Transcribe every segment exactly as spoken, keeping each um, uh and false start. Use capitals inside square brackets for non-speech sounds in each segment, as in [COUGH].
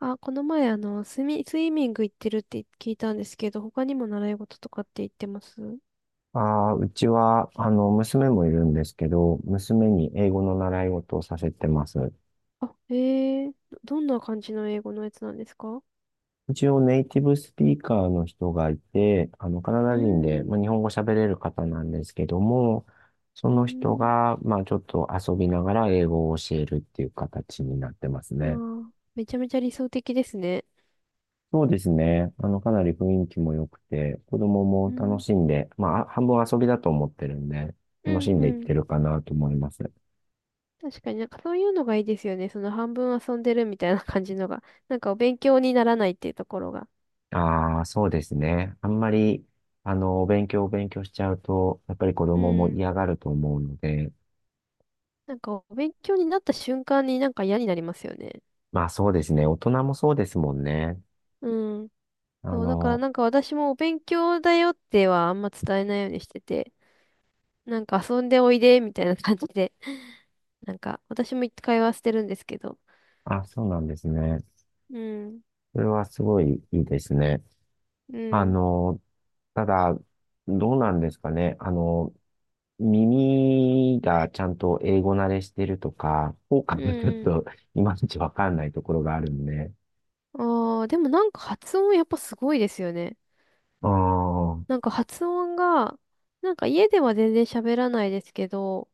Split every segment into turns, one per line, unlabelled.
あ、この前、あの、スミ、スイミング行ってるって聞いたんですけど、他にも習い事とかって言ってます？
ああ、うちは、あの、娘もいるんですけど、娘に英語の習い事をさせてます。
あ、えー、どどんな感じの英語のやつなんですか？う
一応ネイティブスピーカーの人がいて、あの、カナ
ー
ダ人で、
ん、う
まあ、日本語喋れる方なんですけども、そ
ー
の人
ん、
が、まあ、ちょっと遊びながら英語を教えるっていう形になってます
あ
ね。
ー、めちゃめちゃ理想的ですね。
そうですね。あの、かなり雰囲気も良くて、子供
う
も楽
ん、
しんで、まあ、あ半分遊びだと思ってるんで、
う
楽
ん、
しん
う
でいっ
ん。
てるかなと思います。
確かになんかそういうのがいいですよね。その半分遊んでるみたいな感じのが。なんかお勉強にならないっていうところが。
ああ、そうですね。あんまり、あの、お勉強お勉強しちゃうと、やっぱり子
う
供も
ん。
嫌がると思うので、
なんかお勉強になった瞬間になんか嫌になりますよね。
まあそうですね。大人もそうですもんね。
うん。
あ
そう、だから
の、
なんか私もお勉強だよってはあんま伝えないようにしてて、なんか遊んでおいでみたいな感じで、[LAUGHS] なんか私も一回はしてるんですけど、
あ、そうなんですね。
うん、
それはすごいいいですね。
う
あ
ん、
の、ただ、どうなんですかね。あの、耳がちゃんと英語慣れしてるとか、効果
う
がちょっ
ん。
といまいちわかんないところがあるんで。
ああ、でもなんか発音やっぱすごいですよね。
ああ。
なんか発音が、なんか家では全然喋らないですけど、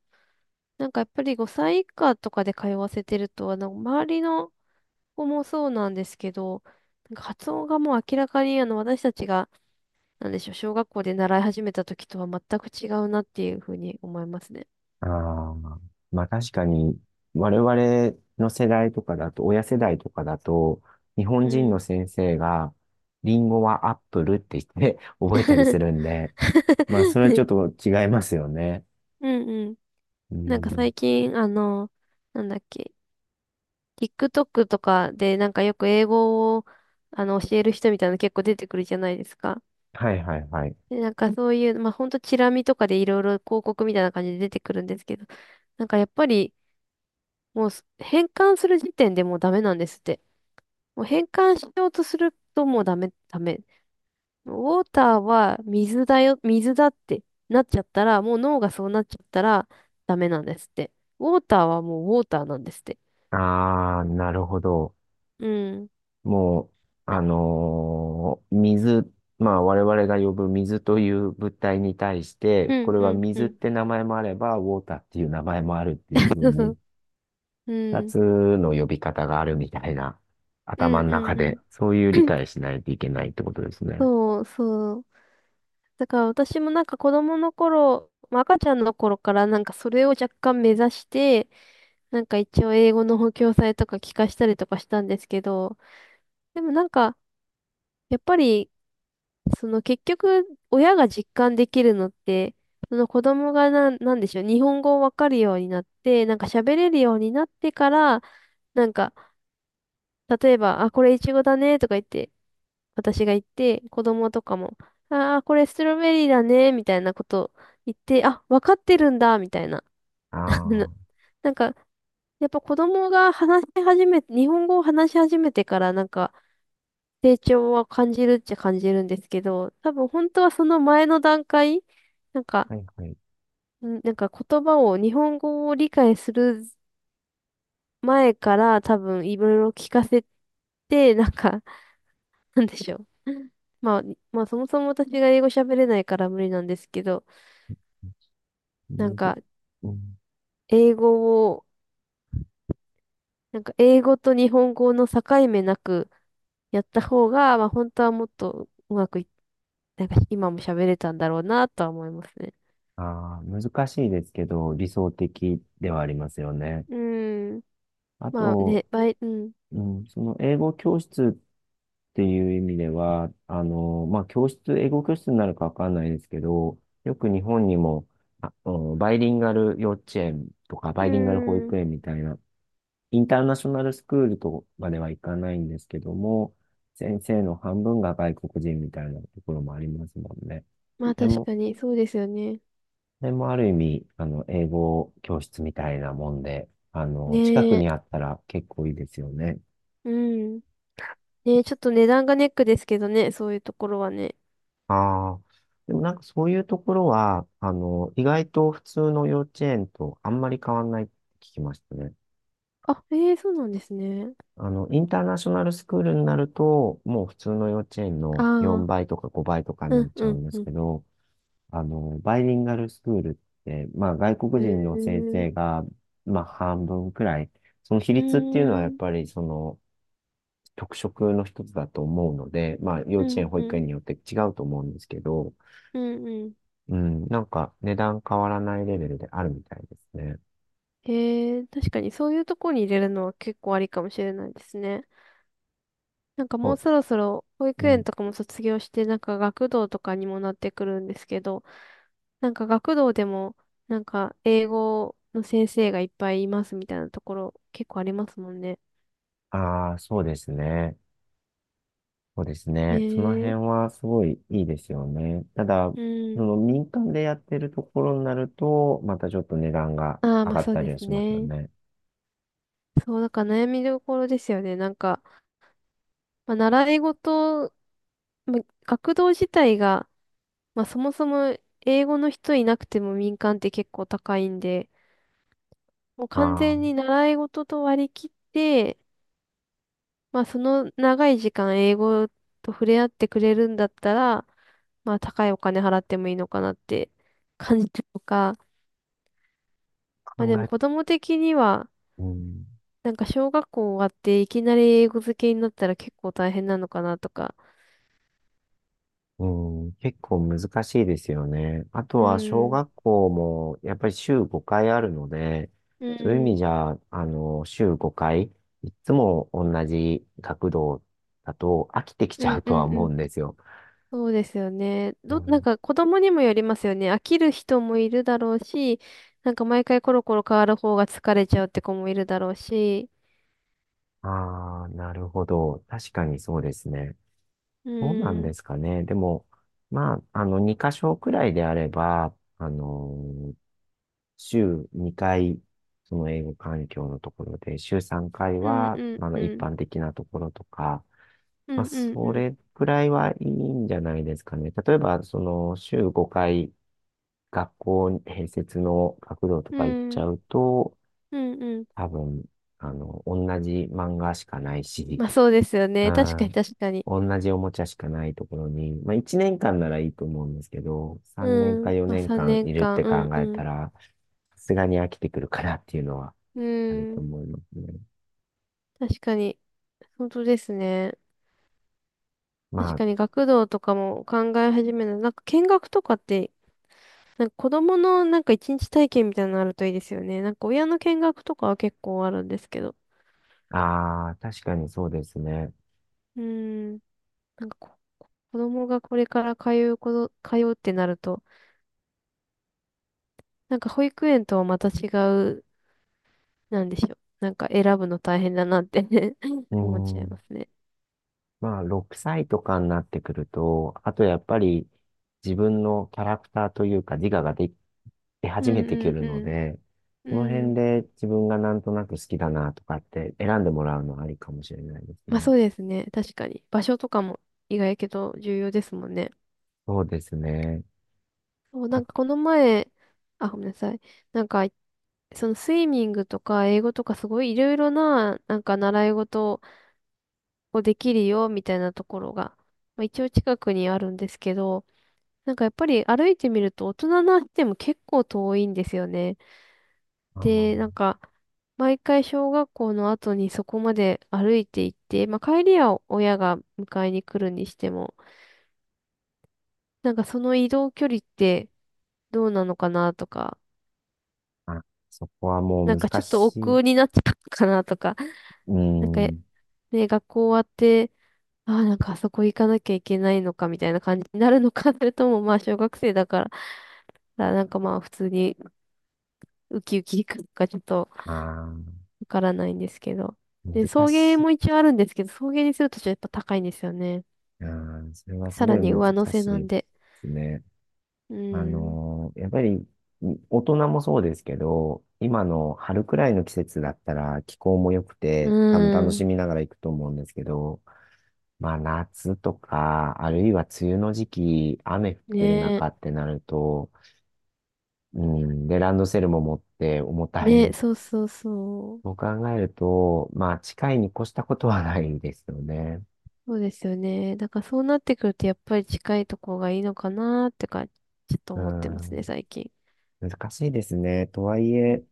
なんかやっぱりごさい以下とかで通わせてると、あの、周りの子もそうなんですけど、なんか発音がもう明らかにあの私たちが、なんでしょう、小学校で習い始めた時とは全く違うなっていうふうに思いますね。
ああ、まあ確かに、我々の世代とかだと、親世代とかだと、日本
う
人の
ん。
先生が、リンゴはアップルって言って [LAUGHS] 覚えたりする
[LAUGHS]
んで、まあそれはちょっと違いますよね。
うんうん。
う
なんか
ん。
最近、あの、なんだっけ、TikTok とかでなんかよく英語をあの教える人みたいなの結構出てくるじゃないですか。
はいはいはい。
で、なんかそういう、まあほんとチラ見とかでいろいろ広告みたいな感じで出てくるんですけど、なんかやっぱり、もうす変換する時点でもうダメなんですって。もう変換しようとするともうダメ、ダメ。ウォーターは水だよ、水だってなっちゃったら、もう脳がそうなっちゃったらダメなんですって。ウォーターはもうウォーターなんですって。
ああ、なるほど。
うん。
もう、あのー水、まあ我々が呼ぶ水という物体に対して、
う
こ
ん、
れは
うん、う
水っ
ん。
て名前もあれば、ウォーターっていう名前もあるっていう
[LAUGHS]
ふう
そうそ
に、
う。う
二
ん。
つの呼び方があるみたいな、
う
頭
ん、
の
う
中
ん、う
で、
ん。
そういう理
[COUGHS]
解し
[CLEARS THROAT]
ないといけないってことですね。
そう、そう。だから私もなんか子供の頃、まあ赤ちゃんの頃からなんかそれを若干目指して、なんか一応英語の補強剤とか聞かしたりとかしたんですけど、でもなんか、やっぱりその結局、親が実感できるのって、その子供が、ななんでしょう、日本語をわかるようになって、なんか喋れるようになってから、なんか、例えば、あ、これイチゴだね、とか言って、私が言って、子供とかも、あー、これストロベリーだね、みたいなこと言って、あ、わかってるんだ、みたいな。
あ
[LAUGHS]
あ、
な
は
なんか、やっぱ子供が、話し始め、日本語を話し始めてから、なんか、成長は感じるっちゃ感じるんですけど、多分本当はその前の段階、なんか、
いはい。
んなんか言葉を、日本語を理解する前から多分いろいろ聞かせて、なんか、[LAUGHS] なんでしょう。まあ、まあそもそも私が英語喋れないから無理なんですけど、なん
むず、
か
うん、
英語を、なんか英語と日本語の境目なくやった方が、まあ本当はもっとうまくい、なんか今も喋れたんだろうなとは思いますね。
ああ、難しいですけど、理想的ではありますよね。
うーん。
あ
まあ
と、
ね、バイ、うん。
うん、その英語教室っていう意味では、あの、まあ、教室、英語教室になるかわかんないですけど、よく日本にも、あ、うんバイリンガル幼稚園とか、
う
バイリンガル保
ーん。
育園みたいな、インターナショナルスクールとまではいかないんですけども、先生の半分が外国人みたいなところもありますもんね。
まあ
で
確
も、
かに、そうですよね。
でもある意味、あの、英語教室みたいなもんで、あの、近く
ねえ、
にあったら結構いいですよね。
うん。ねえ、ちょっと値段がネックですけどね、そういうところはね。
ああ、でもなんかそういうところは、あの、意外と普通の幼稚園とあんまり変わんないって聞きましたね。
あ、ええ、そうなんですね。
あの、インターナショナルスクールになると、もう普通の幼稚園
あ
の4
あ、
倍とかごばいとかに
う
な
ん、
っち
う
ゃう
ん、
んで
う
す
ん。
けど、あの、バイリンガルスクールって、まあ外国
へ
人の
え、
先
う
生が、まあ半分くらい、その比
ー
率っていうのはやっ
ん、
ぱりその特色の一つだと思うので、まあ幼
う
稚
ん、
園、保
う
育園
ん、
によって違うと思うんですけど、
うん、うん。
うん、なんか値段変わらないレベルであるみたいですね。
へえ、確かにそういうところに入れるのは結構ありかもしれないですね。なんか
そ
もう
う
そろそろ保育
う
園
ん、
とかも卒業して、なんか学童とかにもなってくるんですけど、なんか学童でも、なんか英語の先生がいっぱいいますみたいなところ結構ありますもんね。
ああ、そうですね。そうです
へ
ね。その辺
え、
はすごいいいですよね。ただ、
う
そ
ん。
の民間でやってるところになると、またちょっと値段が
ああ、
上
まあ
がっ
そう
たり
で
は
す
しますよ
ね。
ね。
そう、だから悩みどころですよね。なんか、まあ、習い事、まあ、学童自体が、まあそもそも英語の人いなくても民間って結構高いんで、もう完
ああ、
全に習い事と割り切って、まあ、その長い時間英語と触れ合ってくれるんだったら、まあ、高いお金払ってもいいのかなって感じたとか、まあ、
考
でも
え、
子供的には、
うん、
なんか小学校終わっていきなり英語漬けになったら結構大変なのかなとか。
うん、結構難しいですよね。あと
う
は小
ん。
学校もやっぱり週ごかいあるので、
う
そういう意味
ん。
じゃ、あの、週ごかい、いつも同じ学童だと飽きてきち
う
ゃう
んう
とは
んう
思う
ん。
んですよ。
そうですよね。
う
ど、なん
ん、
か子供にもよりますよね。飽きる人もいるだろうし、なんか毎回コロコロ変わる方が疲れちゃうって子もいるだろうし。
ああ、なるほど。確かにそうですね。
う
どうなんで
ん。
すかね。でも、まあ、あの、に箇所くらいであれば、あの、週にかい、その英語環境のところで、週さんかい
うん
は、
うん
あの、
う
一
ん。
般的なところとか、
う
まあ、
んうんう
そ
ん。
れくらいはいいんじゃないですかね。例えば、その、週ごかい、学校併設の学童と
う
か行っちゃ
ん。
うと、
うんうん。
多分、あの、同じ漫画しかないし、
まあそうですよね。確か
あ
に確かに。
ー、同じおもちゃしかないところに、まあいちねんかんならいいと思うんですけど、さんねん
う
か
ん。まあ
4
3
年間
年
いるっ
間。
て
う
考
んう
えた
ん。
ら、さすがに飽きてくるかなっていうのは
う
あると
ん。
思いますね。
確かに。本当ですね。確
ま
かに学童とかも考え始める。なんか見学とかって、なんか子供のなんか一日体験みたいなのあるといいですよね。なんか親の見学とかは結構あるんですけど。
あ、ああ、確かにそうですね。
うん。なんかこ子供がこれから、通うこと、通うってなると、なんか保育園とはまた違う、なんでしょう。なんか選ぶの大変だなって [LAUGHS]
う
思っちゃい
ん。
ますね。
まあ、ろくさいとかになってくると、あとやっぱり自分のキャラクターというか自我ができ出
う
始めて
ん
く
うん
るの
うん。
で、
う
その辺
ん。
で自分がなんとなく好きだなとかって選んでもらうのはありかもしれないです
まあ
ね。
そうですね。確かに。場所とかも意外やけど重要ですもんね。
そうですね。
そう、な
あ、
んかこの前、あ、ごめんなさい。なんか、そのスイミングとか英語とかすごいいろいろな、なんか習い事をできるよみたいなところが、まあ、一応近くにあるんですけど、なんかやっぱり歩いてみると大人な人でも結構遠いんですよね。
あー
で、なんか、毎回小学校の後にそこまで歩いて行って、まあ帰りは親が迎えに来るにしても、なんかその移動距離ってどうなのかなとか、
あ、そこはもう
なんか
難
ちょっと億
しい。
劫になっちゃうのかなとか、[LAUGHS]
う
なんか
ん。
ね、学校終わって、ああ、なんかあそこ行かなきゃいけないのかみたいな感じになるのか、[LAUGHS] それともまあ小学生だから、なんかまあ普通にウキウキ行くのか、ちょっと
ああ、
わからないんですけど。で、
難
送迎
しい。
も一応あるんですけど、送迎にするとちょっとやっぱ高いんですよね。
ああ、それはす
さ
ご
ら
い
に
難
上乗せ
しい
な
で
んで。
すね。
う
あ
ーん。
のーやっぱり、大人もそうですけど、今の春くらいの季節だったら気候も良く
う
て、多分楽
ー
し
ん。
みながら行くと思うんですけど、まあ夏とか、あるいは梅雨の時期、雨降っ
ね
てる
え。
中ってなると、うん、で、ランドセルも持って重た
ねえ、
い、
そうそうそう。
そう考えると、まあ、近いに越したことはないですよね。
そうですよね。だからそうなってくるとやっぱり近いとこがいいのかなってか、ちょっと
う
思ってますね、
ん、
最近。
難しいですね。とはいえ、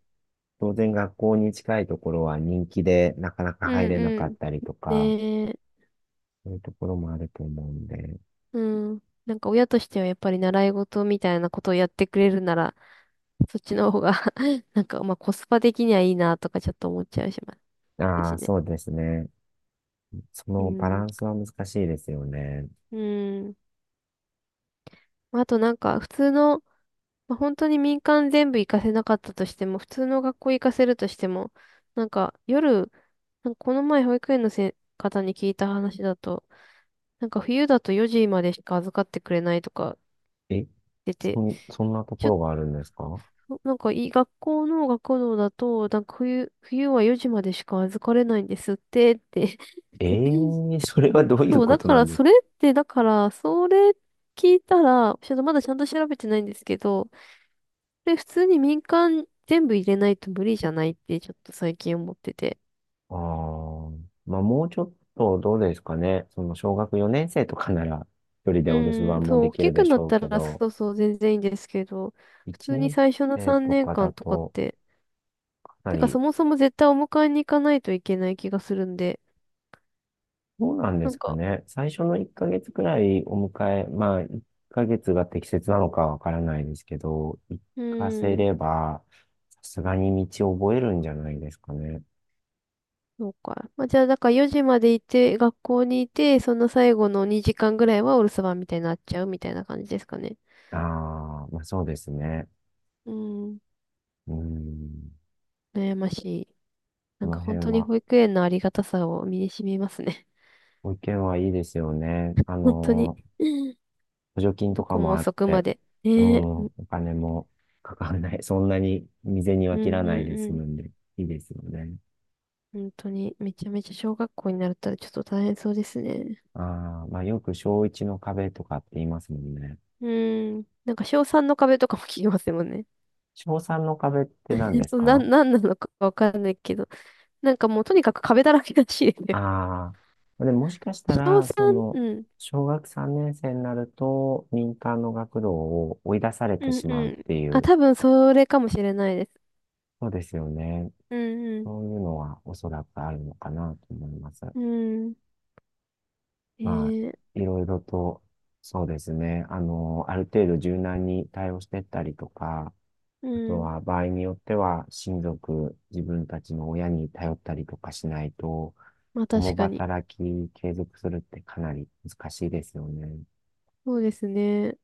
当然学校に近いところは人気でなかな
う
か入
ん
れな
う
かっ
ん。
たりとか、
ねえ。
そういうところもあると思うんで。
うん。なんか親としてはやっぱり習い事みたいなことをやってくれるなら、そっちの方が [LAUGHS] なんかまあコスパ的にはいいなとかちょっと思っちゃうします。った
あ
し
あ、
ね。
そうですね。そ
う
のバラ
ん。
ンスは難しいですよね。
うん。あとなんか、普通の、まあ、本当に民間全部行かせなかったとしても、普通の学校行かせるとしても、なんか夜、なんかこの前保育園のせ方に聞いた話だと、なんか冬だとよじまでしか預かってくれないとか
え、
出て、
そん、そんなと
ち
こ
ょっ
ろがあるんですか？
と、なんかいい学校の学童だと、なんか冬、冬はよじまでしか預かれないんですってって
ええ
[LAUGHS]
ー、それはどういう
そう、
こ
だ
と
か
なん
ら、
です
そ
か？
れって、だから、それ聞いたら、ちょっとまだちゃんと調べてないんですけど、で、普通に民間全部入れないと無理じゃないって、ちょっと最近思ってて。
ああ、まあもうちょっとどうですかね。その小学よねん生とかなら一人で
う
お留守
ん、
番
そ
も
う、
で
大
きる
き
で
く
し
なっ
ょう
た
け
ら、
ど、
そうそう、全然いいんですけど、普
1
通に
年
最初の
生
3
と
年
かだ
間とかっ
と
て、
かな
てか、そ
り、
もそも絶対お迎えに行かないといけない気がするんで、
どうなんで
なん
すか
か、
ね。最初のいっかげつくらいお迎え、まあいっかげつが適切なのかわからないですけど、行
う
か
ー
せ
ん、
ればさすがに道を覚えるんじゃないですかね。
そうか。まあ、じゃあ、だからよじまでいて、学校にいて、その最後のにじかんぐらいはお留守番みたいになっちゃうみたいな感じですかね。
ああ、まあそうですね。
うん、
うん、
悩ましい。な
こ
んか
の辺
本当に
は。
保育園のありがたさを身に染みますね。
ご意見はいいですよね。あ
[LAUGHS] 本当に。
のー補助金と
ど
か
こも
もあっ
遅くま
て、
で。
う
ねえ、
ん、
うん
お金もかからない。[LAUGHS] そんなに未然に
う
は
ん
切ら
う
ない
ん
で
う
済
ん。
むんで、いいですよね。
本当に、めちゃめちゃ小学校になったらちょっと大変そうですね。
ああ、まあよく小いちの壁とかって言いますもんね。
うん。なんか小さんの壁とかも [LAUGHS] 聞きますもんね。
小さんの壁って何で
[LAUGHS]
す
そう、な
か？
ん、なんなのかわかんないけど。なんかもうとにかく壁だらけらしいですよ。
ああー、でももしかし
[LAUGHS]
た
小
ら、そ
さん？
の、
うん。
小学さんねん生になると、民間の学童を追い出され
う
て
ん
しまう
う
っ
ん。
てい
あ、
う、
多分それかもしれないです。
そうですよね。
うん
そういうのはおそらくあるのかなと思います。
うん。うん。え
まあ、
ー、
いろいろと、そうですね。あの、ある程度柔軟に対応してったりとか、
う
あと
ん。
は場合によっては親族、自分たちの親に頼ったりとかしないと、
まあ確
共
かに。
働き継続するってかなり難しいですよね。
そうですね。